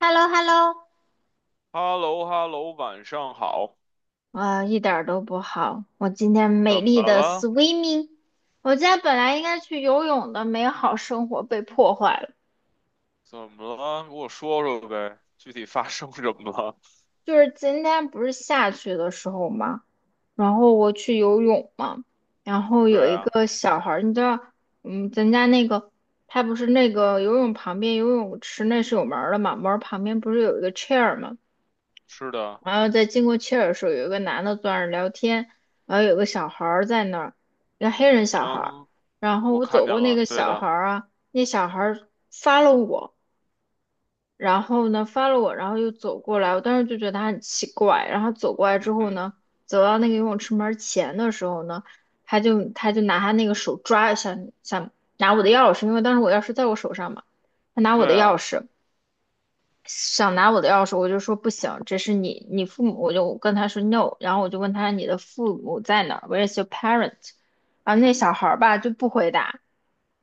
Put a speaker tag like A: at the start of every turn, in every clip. A: h e l l o h e l l o
B: h e l l o h e l l o 晚上好。
A: 啊，一点儿都不好。我今天美
B: 怎
A: 丽
B: 么
A: 的
B: 了？
A: swimming，我今天本来应该去游泳的美好生活被破坏了。
B: 怎么了？给我说说呗，具体发生什么了？
A: 就是今天不是下去的时候嘛，然后我去游泳嘛，然后
B: 对
A: 有一
B: 啊，
A: 个小孩儿，你知道，咱家那个他不是那个游泳旁边游泳池那是有门儿的嘛，门儿旁边不是有一个 chair 嘛，
B: 是的，
A: 然后在经过切尔的时候，有一个男的坐那儿聊天，然后有个小孩儿在那儿，一个黑人
B: 嗯
A: 小孩儿。
B: 哼，
A: 然后
B: 我
A: 我
B: 看
A: 走
B: 见
A: 过那
B: 了，
A: 个
B: 对
A: 小
B: 的，
A: 孩儿啊，那小孩儿发了我，然后呢发了我，然后又走过来，我当时就觉得他很奇怪。然后走过来
B: 嗯
A: 之后
B: 哼，
A: 呢，走到那个游泳池门前的时候呢，他就拿他那个手抓，想想拿我的钥匙，因为当时我钥匙在我手上嘛，他拿我的
B: 对
A: 钥
B: 啊，
A: 匙。想拿我的钥匙，我就说不行，这是你父母，我就跟他说 no，然后我就问他你的父母在哪 w h e r e i s your parent？然后那小孩儿吧就不回答，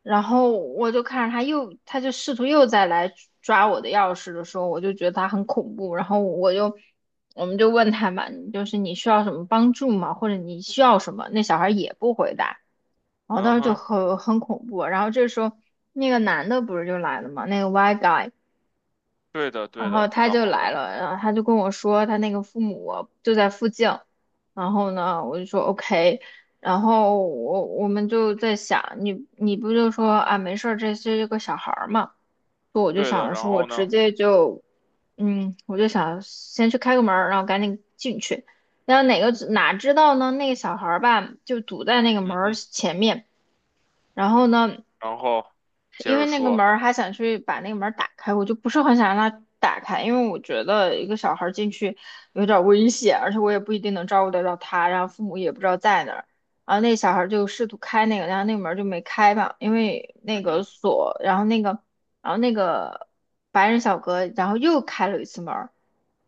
A: 然后我就看着他又，他就试图又再来抓我的钥匙的时候，我就觉得他很恐怖，然后我们就问他嘛，就是你需要什么帮助吗？或者你需要什么？那小孩儿也不回答，然后
B: 嗯
A: 当时就
B: 哼，
A: 很恐怖，然后这时候那个男的不是就来了嘛，那个 white guy。
B: 对的，
A: 然
B: 对
A: 后
B: 的。
A: 他
B: 然
A: 就
B: 后
A: 来
B: 呢？
A: 了，然后他就跟我说他那个父母就在附近，然后呢，我就说 OK，然后我们就在想，你不就说啊没事儿，这是个小孩儿嘛，所以我就
B: 对
A: 想
B: 的，
A: 着
B: 然
A: 说我
B: 后
A: 直
B: 呢？
A: 接就，我就想先去开个门儿然后赶紧进去，然后哪知道呢，那个小孩儿吧就堵在那个门
B: 嗯
A: 儿
B: 哼，
A: 前面，然后呢。
B: 然后接
A: 因为
B: 着
A: 那个
B: 说，
A: 门儿还想去把那个门儿打开，我就不是很想让他打开，因为我觉得一个小孩儿进去有点儿危险，而且我也不一定能照顾得到他，然后父母也不知道在哪儿。然后那小孩儿就试图开那个，然后那个门儿就没开吧，因为那
B: 嗯
A: 个
B: 哼，
A: 锁，然后那个，然后那个白人小哥，然后又开了一次门儿，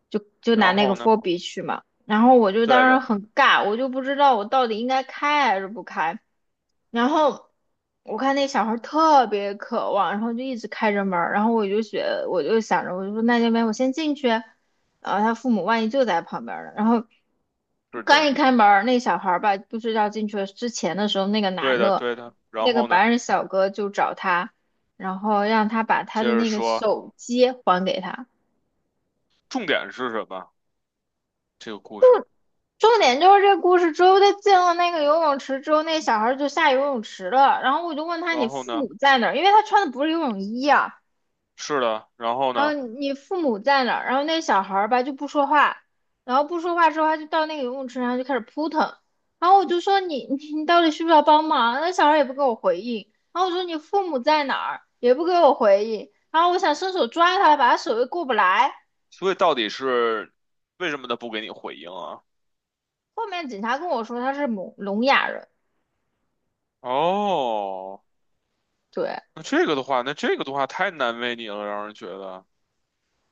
A: 就拿
B: 然
A: 那个
B: 后呢？
A: 佛 b 去嘛。然后我就
B: 对
A: 当时
B: 的，
A: 很尬，我就不知道我到底应该开还是不开。然后我看那小孩儿特别渴望，然后就一直开着门儿，然后我就觉得我就想着，我就说那要不然我先进去，然后他父母万一就在旁边儿呢，然后
B: 是
A: 刚一
B: 的，
A: 开门儿，那小孩儿吧，不知道进去之前的时候，那个
B: 对
A: 男
B: 的，
A: 的，
B: 对的。然
A: 那个
B: 后呢？
A: 白人小哥就找他，然后让他把他
B: 接
A: 的
B: 着
A: 那个
B: 说，
A: 手机还给他。
B: 重点是什么？这个故事。
A: 重点就是这故事，之后他进了那个游泳池之后，那小孩就下游泳池了。然后我就问他：“你
B: 然后
A: 父
B: 呢？
A: 母在哪儿？”因为他穿的不是游泳衣啊。
B: 是的，然后
A: 然后
B: 呢？
A: 你父母在哪儿？然后那小孩吧就不说话，然后不说话之后，他就到那个游泳池上就开始扑腾。然后我就说你： 你到底需不需要帮忙？”那小孩也不给我回应。然后我说：“你父母在哪儿？”也不给我回应。然后我想伸手抓他，把他手又过不来。
B: 所以到底是为什么他不给你回应啊？
A: 后面警察跟我说他是聋哑人，
B: 哦，
A: 对。
B: 那这个的话，那这个的话太难为你了，让人觉得。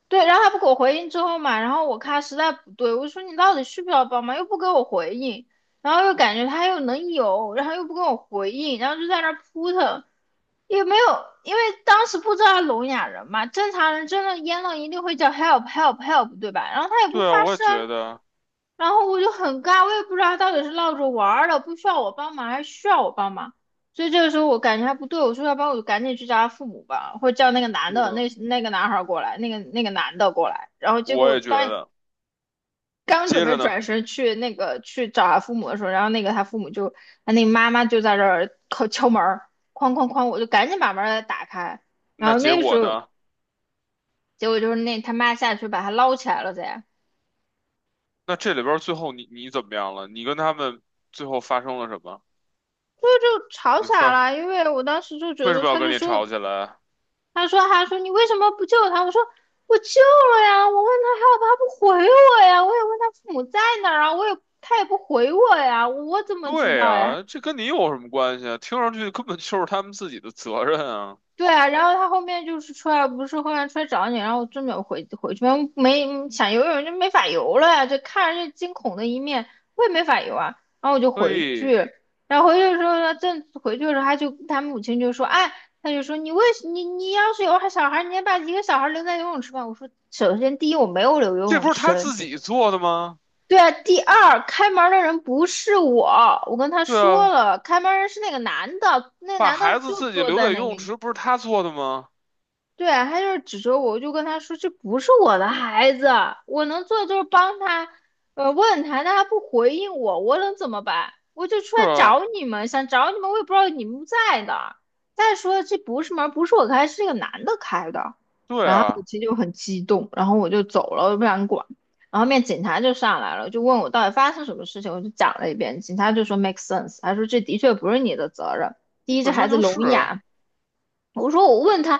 A: 对，然后他不给我回应之后嘛，然后我看他实在不对，我说你到底需不需要帮忙，又不给我回应，然后又感觉他又能有，然后又不给我回应，然后就在那儿扑腾，也没有，因为当时不知道他聋哑人嘛，正常人真的淹了一定会叫 help help help 对吧？然后他也不
B: 对啊，
A: 发
B: 我也
A: 声，
B: 觉得，
A: 然后我就很尬，我也不知道他到底是闹着玩儿的，不需要我帮忙还是需要我帮忙。所以这个时候我感觉还不对，我说要不然我就赶紧去找他父母吧，或者叫那个男
B: 是
A: 的，
B: 的。
A: 那个男孩儿过来，那个男的过来。然后结果
B: 我
A: 我
B: 也觉
A: 刚
B: 得。
A: 刚准
B: 接
A: 备
B: 着呢，
A: 转身去那个去找他父母的时候，然后那个他父母就他那个妈妈就在这儿敲敲门儿，哐哐哐，我就赶紧把门儿打开。然
B: 那
A: 后
B: 结
A: 那个时
B: 果
A: 候
B: 呢？
A: 结果就是那他妈下去把他捞起来了噻，
B: 那这里边儿最后你怎么样了？你跟他们最后发生了什么？
A: 所以就吵
B: 你
A: 起来
B: 说
A: 了。因为我当时就觉
B: 为什
A: 得
B: 么要
A: 他
B: 跟
A: 就
B: 你
A: 说
B: 吵起来？
A: 他说他说你为什么不救他？我说我救了呀，我问他号不他不回我呀，我也问他父母在哪儿啊，我也他也不回我呀，我怎么知
B: 对
A: 道呀？
B: 啊，这跟你有什么关系啊？听上去根本就是他们自己的责任啊。
A: 对啊，然后他后面就是出来，不是后面出来找你，然后我真没有回去，没想游泳就没法游了呀，就看着这惊恐的一面，我也没法游啊，然后我就
B: 所
A: 回
B: 以
A: 去，然后回去的时候呢，正回去的时候，他就他母亲就说，哎，他就说你为什你要是有小孩，你也把一个小孩留在游泳池吧。我说，首先第一我没有留游
B: 这
A: 泳
B: 不是他
A: 池，
B: 自己做的吗？
A: 对啊，第二开门的人不是我，我跟他
B: 对
A: 说
B: 啊，
A: 了，开门人是那个男的，那
B: 把
A: 男的
B: 孩子
A: 就
B: 自己
A: 坐
B: 留
A: 在
B: 在游
A: 那个。
B: 泳池不是他做的吗？
A: 对，他就是指着我，我就跟他说这不是我的孩子，我能做的就是帮他，问他，但他不回应我，我能怎么办？我就出
B: 是
A: 来
B: 啊，
A: 找你们，想找你们，我也不知道你们不在的。再说这不是门，不是我开，是那个男的开的。
B: 对
A: 然后母
B: 啊，
A: 亲就很激动，然后我就走了，我不想管。然后后面警察就上来了，就问我到底发生什么事情，我就讲了一遍。警察就说 make sense，他说这的确不是你的责任。第一，这
B: 本
A: 孩
B: 身
A: 子
B: 就是
A: 聋
B: 啊
A: 哑；我说我问他，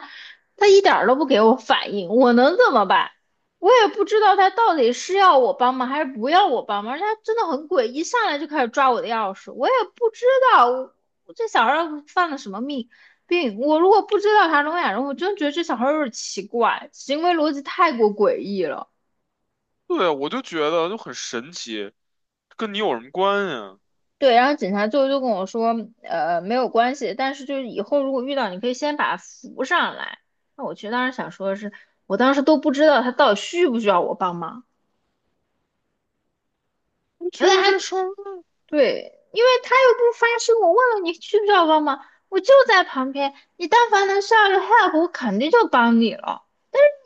A: 他一点儿都不给我反应，我能怎么办？我也不知道他到底是要我帮忙还是不要我帮忙，而且他真的很诡异，上来就开始抓我的钥匙，我也不知道我这小孩儿犯了什么病。我如果不知道他聋哑人，我真觉得这小孩儿有点奇怪，行为逻辑太过诡异了。
B: 对啊我就觉得就很神奇，跟你有什么关系啊？
A: 对，然后警察最后就跟我说，没有关系，但是就是以后如果遇到，你可以先把他扶上来。那我其实当时想说的是，我当时都不知道他到底需不需要我帮忙，
B: 我
A: 原
B: 觉
A: 来
B: 得
A: 他
B: 这事儿，
A: 对，因为他又不发声，我问了你需不需要帮忙，我就在旁边，你但凡能上来 help，我肯定就帮你了。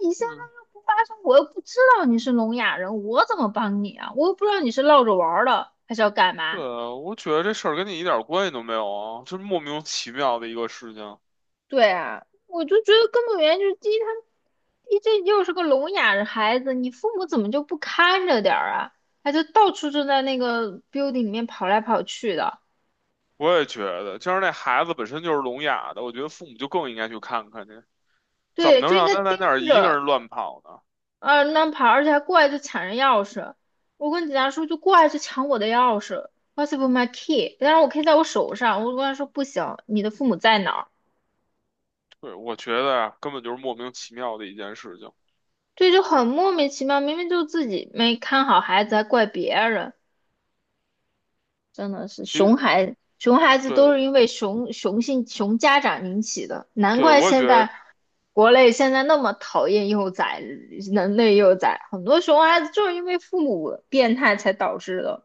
A: 你现在
B: 嗯，
A: 又不发声，我又不知道你是聋哑人，我怎么帮你啊？我又不知道你是闹着玩儿的还是要干
B: 对
A: 嘛。
B: 啊，我觉得这事儿跟你一点关系都没有啊，就是莫名其妙的一个事情。
A: 对啊，我就觉得根本原因就是第一，第一这又是个聋哑的孩子，你父母怎么就不看着点儿啊？他就到处就在那个 building 里面跑来跑去的。
B: 我也觉得，就是那孩子本身就是聋哑的，我觉得父母就更应该去看看去，怎么
A: 对，
B: 能
A: 就应
B: 让
A: 该
B: 他在
A: 盯
B: 那儿一个
A: 着，
B: 人乱跑呢？
A: 啊那跑，而且还过来就抢人钥匙。我跟警察说，就过来就抢我的钥匙，What's with my key？但是我 key 在我手上，我跟他说不行，你的父母在哪儿？
B: 对，我觉得啊，根本就是莫名其妙的一件事情。
A: 对，就很莫名其妙，明明就自己没看好孩子，还怪别人。真的是
B: 其
A: 熊
B: 实，
A: 孩熊孩子都是
B: 对
A: 因为熊家长引起的，难
B: 对，
A: 怪
B: 我也
A: 现
B: 觉
A: 在
B: 得
A: 国内现在那么讨厌幼崽，人类幼崽，很多熊孩子就是因为父母变态才导致的。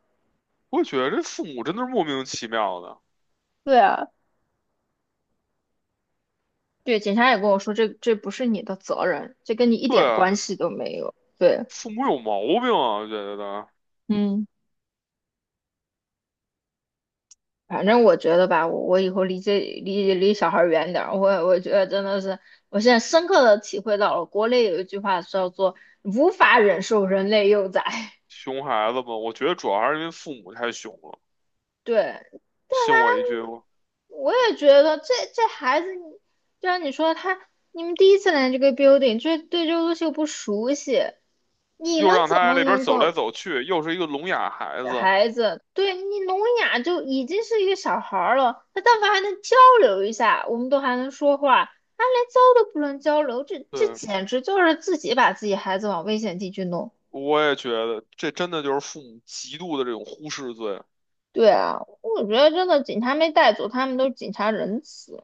B: 我也觉得这父母真的是莫名其妙的。
A: 对啊，对，警察也跟我说，这不是你的责任，这跟你一
B: 对
A: 点
B: 啊，
A: 关系都没有。对，
B: 父母有毛病啊，我觉得
A: 嗯。反正我觉得吧，我以后离这离小孩儿远点儿。我觉得真的是，我现在深刻的体会到了，国内有一句话叫做"无法忍受人类幼崽"。
B: 熊孩子嘛，我觉得主要还是因为父母太熊了。
A: 对，但
B: 信我一句吧，
A: 凡，我也觉得这孩子，你就像你说他，你们第一次来这个 building，这对这个东西又不熟悉，你
B: 又
A: 们
B: 让
A: 怎
B: 他
A: 么
B: 在那边
A: 能
B: 走
A: 够？
B: 来走去，又是一个聋哑孩子。
A: 孩子，对你聋哑就已经是一个小孩儿了，他但凡还能交流一下，我们都还能说话，他连交都不能交流，这
B: 对，
A: 简直就是自己把自己孩子往危险地区弄。
B: 我也觉得这真的就是父母极度的这种忽视罪。
A: 对啊，我觉得真的警察没带走，他们都是警察仁慈，应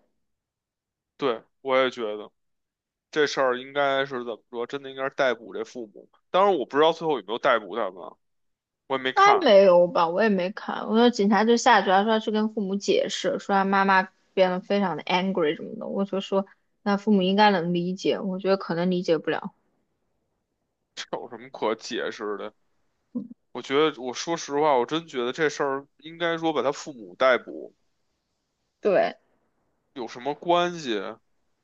B: 对，我也觉得这事儿应该是怎么说，真的应该是逮捕这父母。当然，我不知道最后有没有逮捕他们啊我也没
A: 该
B: 看，
A: 没有吧？我也没看，我说警察就下去了，说要去跟父母解释，说他妈妈变得非常的 angry 什么的，我就说那父母应该能理解，我觉得可能理解不了。
B: 这有什么可解释的？我觉得，我说实话，我真觉得这事儿应该说把他父母逮捕
A: 对。
B: 有什么关系？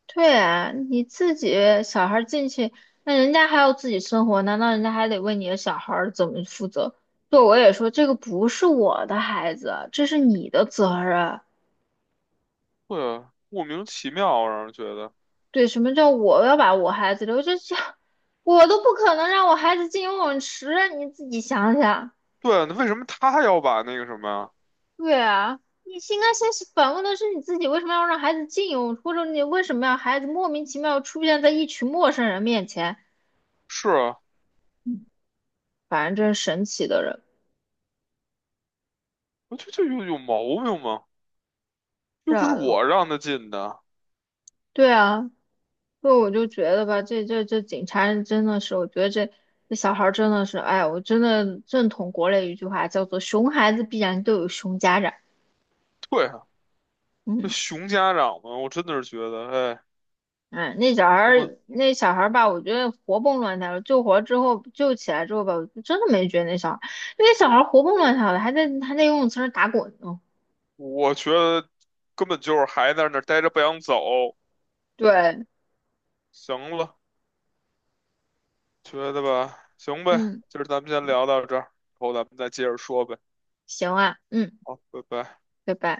A: 对啊，你自己小孩儿进去，那人家还要自己生活，难道人家还得为你的小孩儿怎么负责？对，我也说这个不是我的孩子，这是你的责任。
B: 对啊，莫名其妙让人觉得。
A: 对，什么叫我要把我孩子留？这这，我都不可能让我孩子进游泳池啊，你自己想想。
B: 对啊，那为什么他要把那个什么呀？
A: 对啊，你是应该先是反问的是你自己，为什么要让孩子进游泳池或者你为什么让孩子莫名其妙出现在一群陌生人面前？
B: 是啊，
A: 反正真是神奇的人。
B: 我觉得这有毛病吗？
A: 是
B: 又不是
A: 啊，
B: 我让他进的。
A: 对啊，所以我就觉得吧，这警察人真的是，我觉得这小孩儿真的是，哎，我真的认同国内一句话，叫做"熊孩子必然都有熊家长"。
B: 对啊，这
A: 嗯，
B: 熊家长嘛，我真的是觉得，哎，
A: 哎，那小孩
B: 我
A: 儿那小孩儿吧，我觉得活蹦乱跳的，救起来之后吧，我就真的没觉得那小孩儿，那小孩儿活蹦乱跳的，还在游泳池上打滚呢。
B: 我觉得根本就是还在那儿待着不想走。
A: 对，
B: 行了，觉得吧，行呗，
A: 嗯，
B: 今儿咱们先聊到这儿，以后咱们再接着说呗。
A: 行啊，嗯，
B: 好，拜拜。
A: 拜拜。